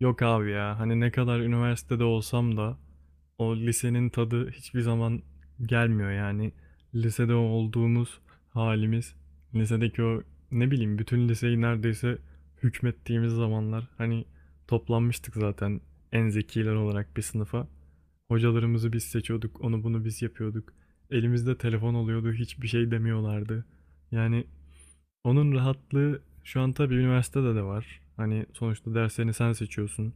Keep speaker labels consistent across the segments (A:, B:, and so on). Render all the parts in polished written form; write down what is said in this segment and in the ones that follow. A: Yok abi ya hani ne kadar üniversitede olsam da o lisenin tadı hiçbir zaman gelmiyor yani. Lisede olduğumuz halimiz, lisedeki o ne bileyim bütün liseyi neredeyse hükmettiğimiz zamanlar hani toplanmıştık zaten en zekiler olarak bir sınıfa. Hocalarımızı biz seçiyorduk, onu bunu biz yapıyorduk. Elimizde telefon oluyordu, hiçbir şey demiyorlardı. Yani onun rahatlığı şu an tabii üniversitede de var. Hani sonuçta derslerini sen seçiyorsun.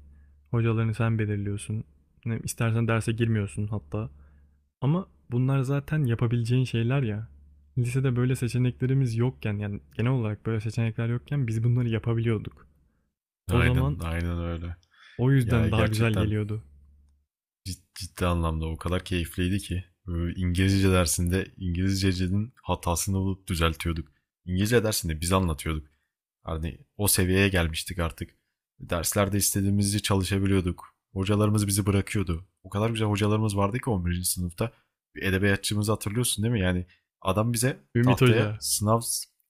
A: Hocalarını sen belirliyorsun. Ne, istersen derse girmiyorsun hatta. Ama bunlar zaten yapabileceğin şeyler ya. Lisede böyle seçeneklerimiz yokken yani genel olarak böyle seçenekler yokken biz bunları yapabiliyorduk. O zaman
B: Aynen, aynen öyle.
A: o
B: Ya
A: yüzden daha güzel
B: gerçekten
A: geliyordu.
B: ciddi anlamda o kadar keyifliydi ki. Böyle İngilizce dersinde İngilizce'nin hatasını bulup düzeltiyorduk. İngilizce dersinde biz anlatıyorduk. Hani o seviyeye gelmiştik artık. Derslerde istediğimizi çalışabiliyorduk. Hocalarımız bizi bırakıyordu. O kadar güzel hocalarımız vardı ki 11. sınıfta. Bir edebiyatçımızı hatırlıyorsun değil mi? Yani adam bize
A: Ümit
B: tahtaya
A: Hoca.
B: sınav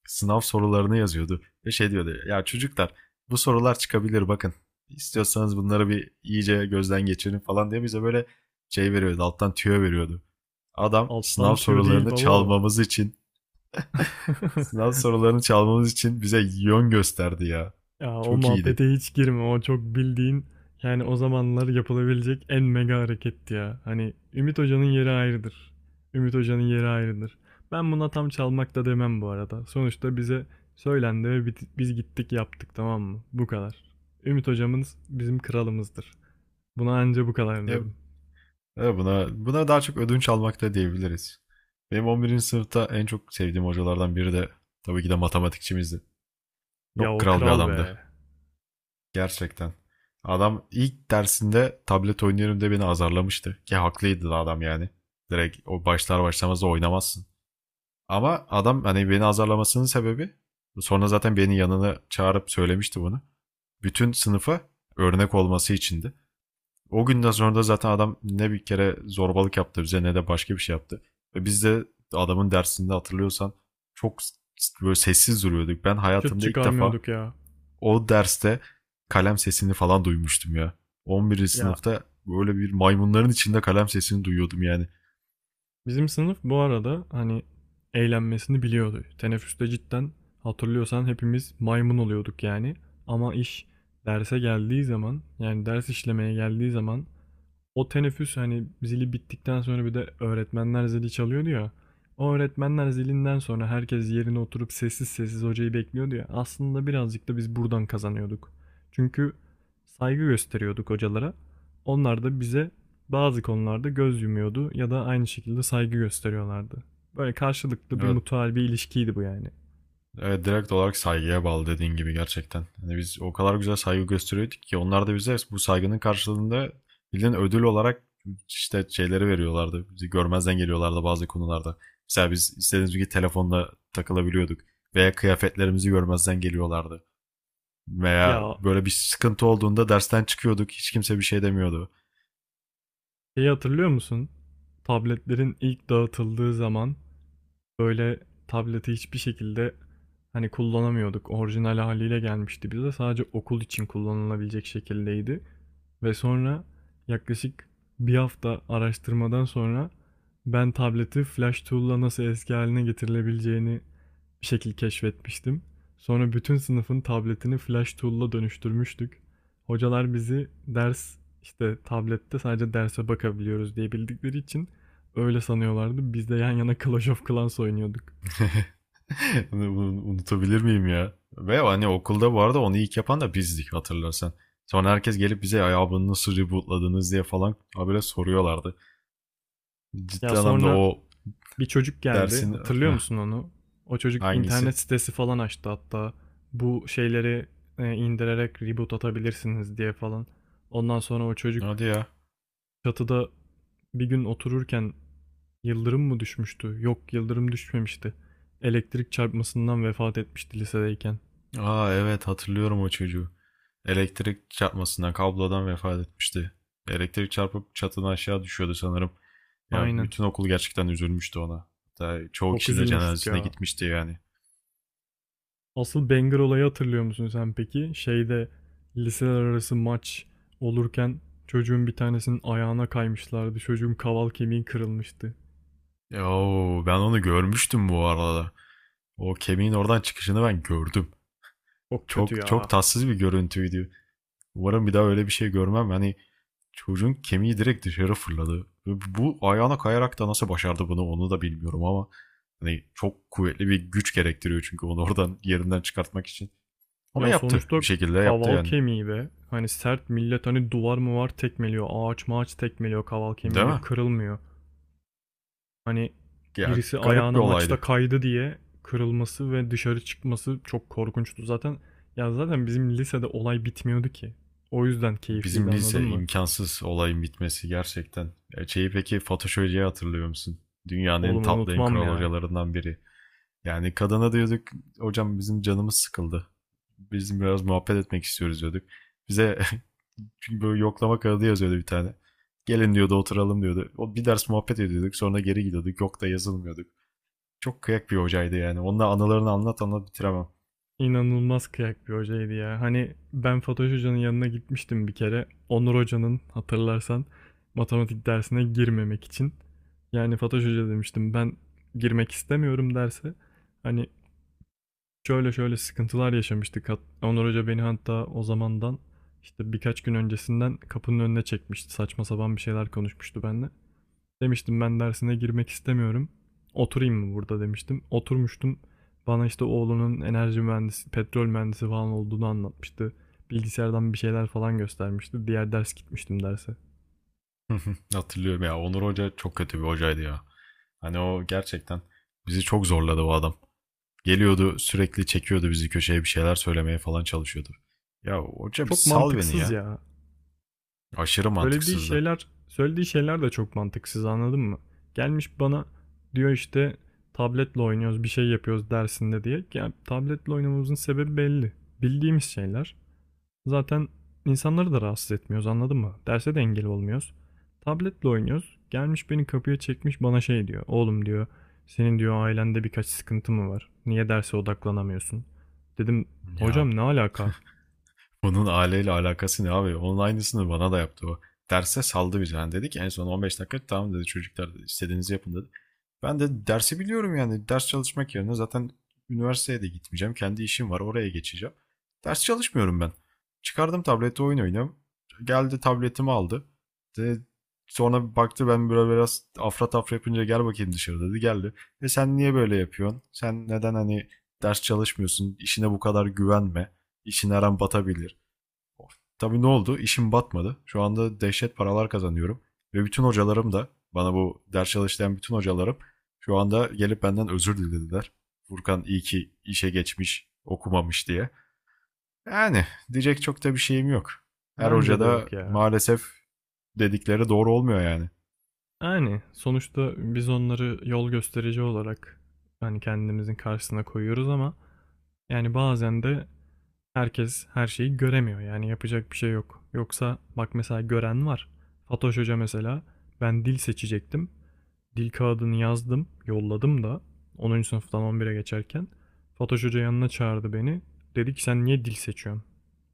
B: sınav sorularını yazıyordu. Ve şey diyordu. Ya çocuklar, bu sorular çıkabilir bakın. İstiyorsanız bunları bir iyice gözden geçirin falan diye bize böyle şey veriyordu. Alttan tüyo veriyordu. Adam
A: Alttan
B: sınav
A: tüyo değil
B: sorularını
A: baba o.
B: çalmamız için. Sınav sorularını çalmamız için bize yön gösterdi ya.
A: Ya o
B: Çok iyiydi.
A: muhabbete hiç girme. O çok bildiğin yani o zamanlar yapılabilecek en mega hareketti ya. Hani Ümit Hoca'nın yeri ayrıdır. Ümit Hoca'nın yeri ayrıdır. Ben buna tam çalmak da demem bu arada. Sonuçta bize söylendi ve biz gittik yaptık, tamam mı? Bu kadar. Ümit Hocamız bizim kralımızdır. Buna anca bu kadar
B: Ya,
A: derim.
B: ya buna daha çok ödünç almak da diyebiliriz. Benim 11. sınıfta en çok sevdiğim hocalardan biri de tabii ki de matematikçimizdi.
A: Ya
B: Çok
A: o
B: kral bir
A: kral be.
B: adamdı. Gerçekten. Adam ilk dersinde tablet oynuyorum diye beni azarlamıştı. Ki haklıydı da adam yani. Direkt o başlar başlamaz da oynamazsın. Ama adam hani beni azarlamasının sebebi, sonra zaten beni yanına çağırıp söylemişti bunu, bütün sınıfa örnek olması içindi. O günden sonra da zaten adam ne bir kere zorbalık yaptı bize ne de başka bir şey yaptı. Ve biz de adamın dersinde, hatırlıyorsan, çok böyle sessiz duruyorduk. Ben
A: Şut
B: hayatımda ilk defa
A: çıkarmıyorduk ya.
B: o derste kalem sesini falan duymuştum ya. 11.
A: Ya,
B: sınıfta böyle bir maymunların içinde kalem sesini duyuyordum yani.
A: bizim sınıf bu arada hani eğlenmesini biliyordu. Teneffüste cidden hatırlıyorsan hepimiz maymun oluyorduk yani. Ama iş derse geldiği zaman yani ders işlemeye geldiği zaman o teneffüs, hani, zili bittikten sonra bir de öğretmenler zili çalıyordu ya, o öğretmenler zilinden sonra herkes yerine oturup sessiz sessiz hocayı bekliyordu ya, aslında birazcık da biz buradan kazanıyorduk. Çünkü saygı gösteriyorduk hocalara. Onlar da bize bazı konularda göz yumuyordu ya da aynı şekilde saygı gösteriyorlardı. Böyle karşılıklı bir
B: Evet,
A: mutual bir ilişkiydi bu yani.
B: evet, direkt olarak saygıya bağlı dediğin gibi gerçekten. Hani biz o kadar güzel saygı gösteriyorduk ki onlar da bize bu saygının karşılığında bildiğin ödül olarak işte şeyleri veriyorlardı. Bizi görmezden geliyorlardı bazı konularda. Mesela biz istediğimiz gibi telefonla takılabiliyorduk veya kıyafetlerimizi görmezden geliyorlardı. Veya
A: Ya,
B: böyle bir sıkıntı olduğunda dersten çıkıyorduk. Hiç kimse bir şey demiyordu.
A: şeyi hatırlıyor musun? Tabletlerin ilk dağıtıldığı zaman böyle tableti hiçbir şekilde hani kullanamıyorduk. Orijinal haliyle gelmişti bize. Sadece okul için kullanılabilecek şekildeydi. Ve sonra yaklaşık bir hafta araştırmadan sonra ben tableti Flash Tool'la nasıl eski haline getirilebileceğini bir şekil keşfetmiştim. Sonra bütün sınıfın tabletini flash tool'la dönüştürmüştük. Hocalar bizi ders işte tablette sadece derse bakabiliyoruz diye bildikleri için öyle sanıyorlardı. Biz de yan yana Clash of Clans oynuyorduk.
B: Unutabilir miyim ya? Ve hani okulda bu arada onu ilk yapan da bizdik, hatırlarsan. Sonra herkes gelip bize ya bunu nasıl rebootladınız diye falan habire soruyorlardı.
A: Ya
B: Ciddi anlamda
A: sonra
B: o
A: bir çocuk geldi.
B: dersin.
A: Hatırlıyor
B: Heh,
A: musun onu? O çocuk
B: hangisi?
A: internet sitesi falan açtı hatta. Bu şeyleri indirerek reboot atabilirsiniz diye falan. Ondan sonra o çocuk
B: Hadi ya.
A: çatıda bir gün otururken yıldırım mı düşmüştü? Yok, yıldırım düşmemişti. Elektrik çarpmasından vefat etmişti lisedeyken.
B: Aa, evet, hatırlıyorum o çocuğu. Elektrik çarpmasından, kablodan vefat etmişti. Elektrik çarpıp çatıdan aşağı düşüyordu sanırım. Ya
A: Aynen.
B: bütün okul gerçekten üzülmüştü ona. Hatta çoğu
A: Çok
B: kişi de
A: üzülmüştük
B: cenazesine
A: ya.
B: gitmişti yani.
A: Asıl banger olayı hatırlıyor musun sen peki? Şeyde liseler arası maç olurken çocuğun bir tanesinin ayağına kaymışlardı. Çocuğun kaval kemiği kırılmıştı.
B: Yo, ben onu görmüştüm bu arada. O kemiğin oradan çıkışını ben gördüm.
A: Çok kötü
B: Çok çok
A: ya.
B: tatsız bir görüntüydü. Umarım bir daha öyle bir şey görmem. Hani çocuğun kemiği direkt dışarı fırladı. Bu ayağına kayarak da nasıl başardı bunu onu da bilmiyorum ama hani çok kuvvetli bir güç gerektiriyor çünkü onu oradan yerinden çıkartmak için. Ama
A: Ya
B: yaptı.
A: sonuçta
B: Bir şekilde yaptı
A: kaval
B: yani.
A: kemiği be. Hani sert millet hani duvar mı var tekmeliyor. Ağaç mağaç tekmeliyor kaval
B: Değil
A: kemiğiyle
B: mi?
A: kırılmıyor. Hani
B: Ya
A: birisi
B: garip bir
A: ayağına
B: olaydı.
A: maçta kaydı diye kırılması ve dışarı çıkması çok korkunçtu zaten. Ya zaten bizim lisede olay bitmiyordu ki. O yüzden keyifliydi,
B: Bizim
A: anladın
B: lise
A: mı?
B: imkansız olayın bitmesi gerçekten. Ya şeyi peki, Fatoş Hoca'yı hatırlıyor musun? Dünyanın en
A: Oğlum
B: tatlı, en
A: unutmam
B: kral
A: ya.
B: hocalarından biri. Yani kadına diyorduk hocam bizim canımız sıkıldı. Bizim biraz muhabbet etmek istiyoruz diyorduk. Bize, çünkü böyle yoklama kağıdı yazıyordu bir tane. Gelin diyordu, oturalım diyordu. O bir ders muhabbet ediyorduk sonra geri gidiyorduk. Yok da yazılmıyorduk. Çok kıyak bir hocaydı yani. Onunla anılarını anlat anlat bitiremem.
A: İnanılmaz kıyak bir hocaydı ya. Hani ben Fatoş Hoca'nın yanına gitmiştim bir kere. Onur Hoca'nın hatırlarsan matematik dersine girmemek için. Yani Fatoş Hoca demiştim ben, girmek istemiyorum derse. Hani şöyle şöyle sıkıntılar yaşamıştık. Onur Hoca beni hatta o zamandan işte birkaç gün öncesinden kapının önüne çekmişti. Saçma sapan bir şeyler konuşmuştu benimle. Demiştim ben dersine girmek istemiyorum. Oturayım mı burada demiştim. Oturmuştum. Bana işte oğlunun enerji mühendisi, petrol mühendisi falan olduğunu anlatmıştı. Bilgisayardan bir şeyler falan göstermişti. Diğer ders gitmiştim derse.
B: Hatırlıyorum ya, Onur Hoca çok kötü bir hocaydı ya. Hani o gerçekten bizi çok zorladı o adam. Geliyordu sürekli çekiyordu bizi köşeye bir şeyler söylemeye falan çalışıyordu. Ya hoca bir
A: Çok
B: sal beni
A: mantıksız
B: ya.
A: ya.
B: Aşırı
A: Söylediği
B: mantıksızdı.
A: şeyler, söylediği şeyler de çok mantıksız, anladın mı? Gelmiş bana diyor işte tabletle oynuyoruz, bir şey yapıyoruz dersinde diye. Ya tabletle oynamamızın sebebi belli. Bildiğimiz şeyler. Zaten insanları da rahatsız etmiyoruz, anladın mı? Derse de engel olmuyoruz. Tabletle oynuyoruz. Gelmiş beni kapıya çekmiş bana şey diyor. Oğlum diyor, senin diyor ailende birkaç sıkıntı mı var? Niye derse odaklanamıyorsun? Dedim
B: Ya
A: hocam ne alaka?
B: bunun aileyle alakası ne abi? Onun aynısını bana da yaptı o. Derse saldı bizi. Yani dedi en son 15 dakika, tamam dedi çocuklar istediğinizi yapın dedi. Ben de dersi biliyorum yani. Ders çalışmak yerine zaten üniversiteye de gitmeyeceğim. Kendi işim var, oraya geçeceğim. Ders çalışmıyorum ben. Çıkardım tableti oyun oynuyorum. Geldi tabletimi aldı. De, sonra bir baktı ben böyle biraz afra tafra yapınca gel bakayım dışarı dedi. Geldi. Ve sen niye böyle yapıyorsun? Sen neden hani ders çalışmıyorsun? İşine bu kadar güvenme. İşin her an batabilir. Tabii, ne oldu? İşim batmadı. Şu anda dehşet paralar kazanıyorum. Ve bütün hocalarım da bana, bu ders çalıştıran bütün hocalarım, şu anda gelip benden özür dilediler. Furkan iyi ki işe geçmiş, okumamış diye. Yani diyecek çok da bir şeyim yok. Her
A: Bence
B: hoca
A: de
B: da
A: yok ya.
B: maalesef dedikleri doğru olmuyor yani.
A: Yani sonuçta biz onları yol gösterici olarak hani kendimizin karşısına koyuyoruz ama yani bazen de herkes her şeyi göremiyor. Yani yapacak bir şey yok. Yoksa bak mesela gören var. Fatoş Hoca mesela, ben dil seçecektim. Dil kağıdını yazdım, yolladım da 10. sınıftan 11'e geçerken Fatoş Hoca yanına çağırdı beni. Dedi ki sen niye dil seçiyorsun?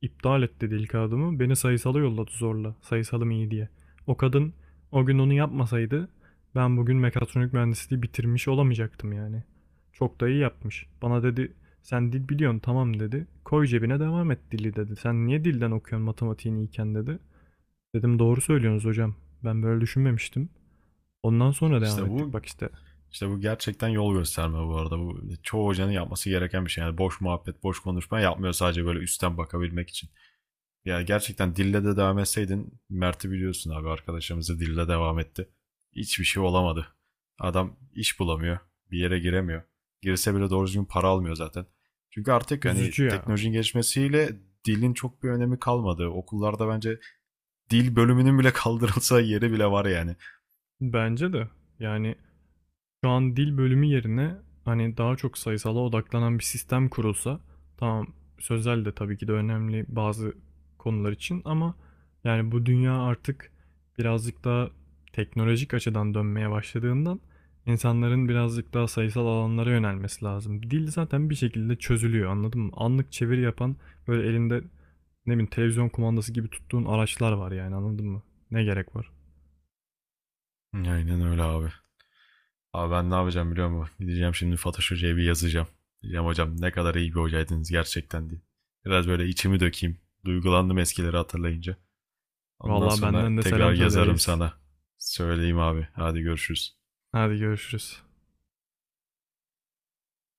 A: İptal etti dil kağıdımı. Beni sayısala yolladı zorla. Sayısalım iyi diye. O kadın o gün onu yapmasaydı ben bugün mekatronik mühendisliği bitirmiş olamayacaktım yani. Çok da iyi yapmış. Bana dedi sen dil biliyorsun tamam dedi. Koy cebine devam et dili dedi. Sen niye dilden okuyorsun matematiğini iyiken dedi. Dedim doğru söylüyorsunuz hocam. Ben böyle düşünmemiştim. Ondan sonra devam
B: İşte
A: ettik
B: bu
A: bak işte.
B: işte bu gerçekten yol gösterme bu arada. Bu çoğu hocanın yapması gereken bir şey. Yani boş muhabbet, boş konuşma yapmıyor sadece böyle üstten bakabilmek için. Ya gerçekten dille de devam etseydin, Mert'i biliyorsun abi, arkadaşımızı, dille devam etti. Hiçbir şey olamadı. Adam iş bulamıyor. Bir yere giremiyor. Girse bile doğru düzgün para almıyor zaten. Çünkü artık hani
A: Üzücü ya.
B: teknolojinin gelişmesiyle dilin çok bir önemi kalmadı. Okullarda bence dil bölümünün bile kaldırılsa yeri bile var yani.
A: Bence de. Yani şu an dil bölümü yerine hani daha çok sayısala odaklanan bir sistem kurulsa, tamam, sözel de tabii ki de önemli bazı konular için ama yani bu dünya artık birazcık daha teknolojik açıdan dönmeye başladığından insanların birazcık daha sayısal alanlara yönelmesi lazım. Dil zaten bir şekilde çözülüyor, anladın mı? Anlık çeviri yapan böyle elinde ne bileyim televizyon kumandası gibi tuttuğun araçlar var yani, anladın mı? Ne gerek var?
B: Aynen öyle abi. Abi ben ne yapacağım biliyor musun? Gideceğim şimdi Fatoş Hoca'ya bir yazacağım. Diyeceğim hocam ne kadar iyi bir hocaydınız gerçekten diye. Biraz böyle içimi dökeyim. Duygulandım eskileri hatırlayınca. Ondan
A: Vallahi
B: sonra
A: benden de
B: tekrar
A: selam söyle
B: yazarım
A: reis.
B: sana. Söyleyeyim abi. Hadi görüşürüz.
A: Hadi görüşürüz.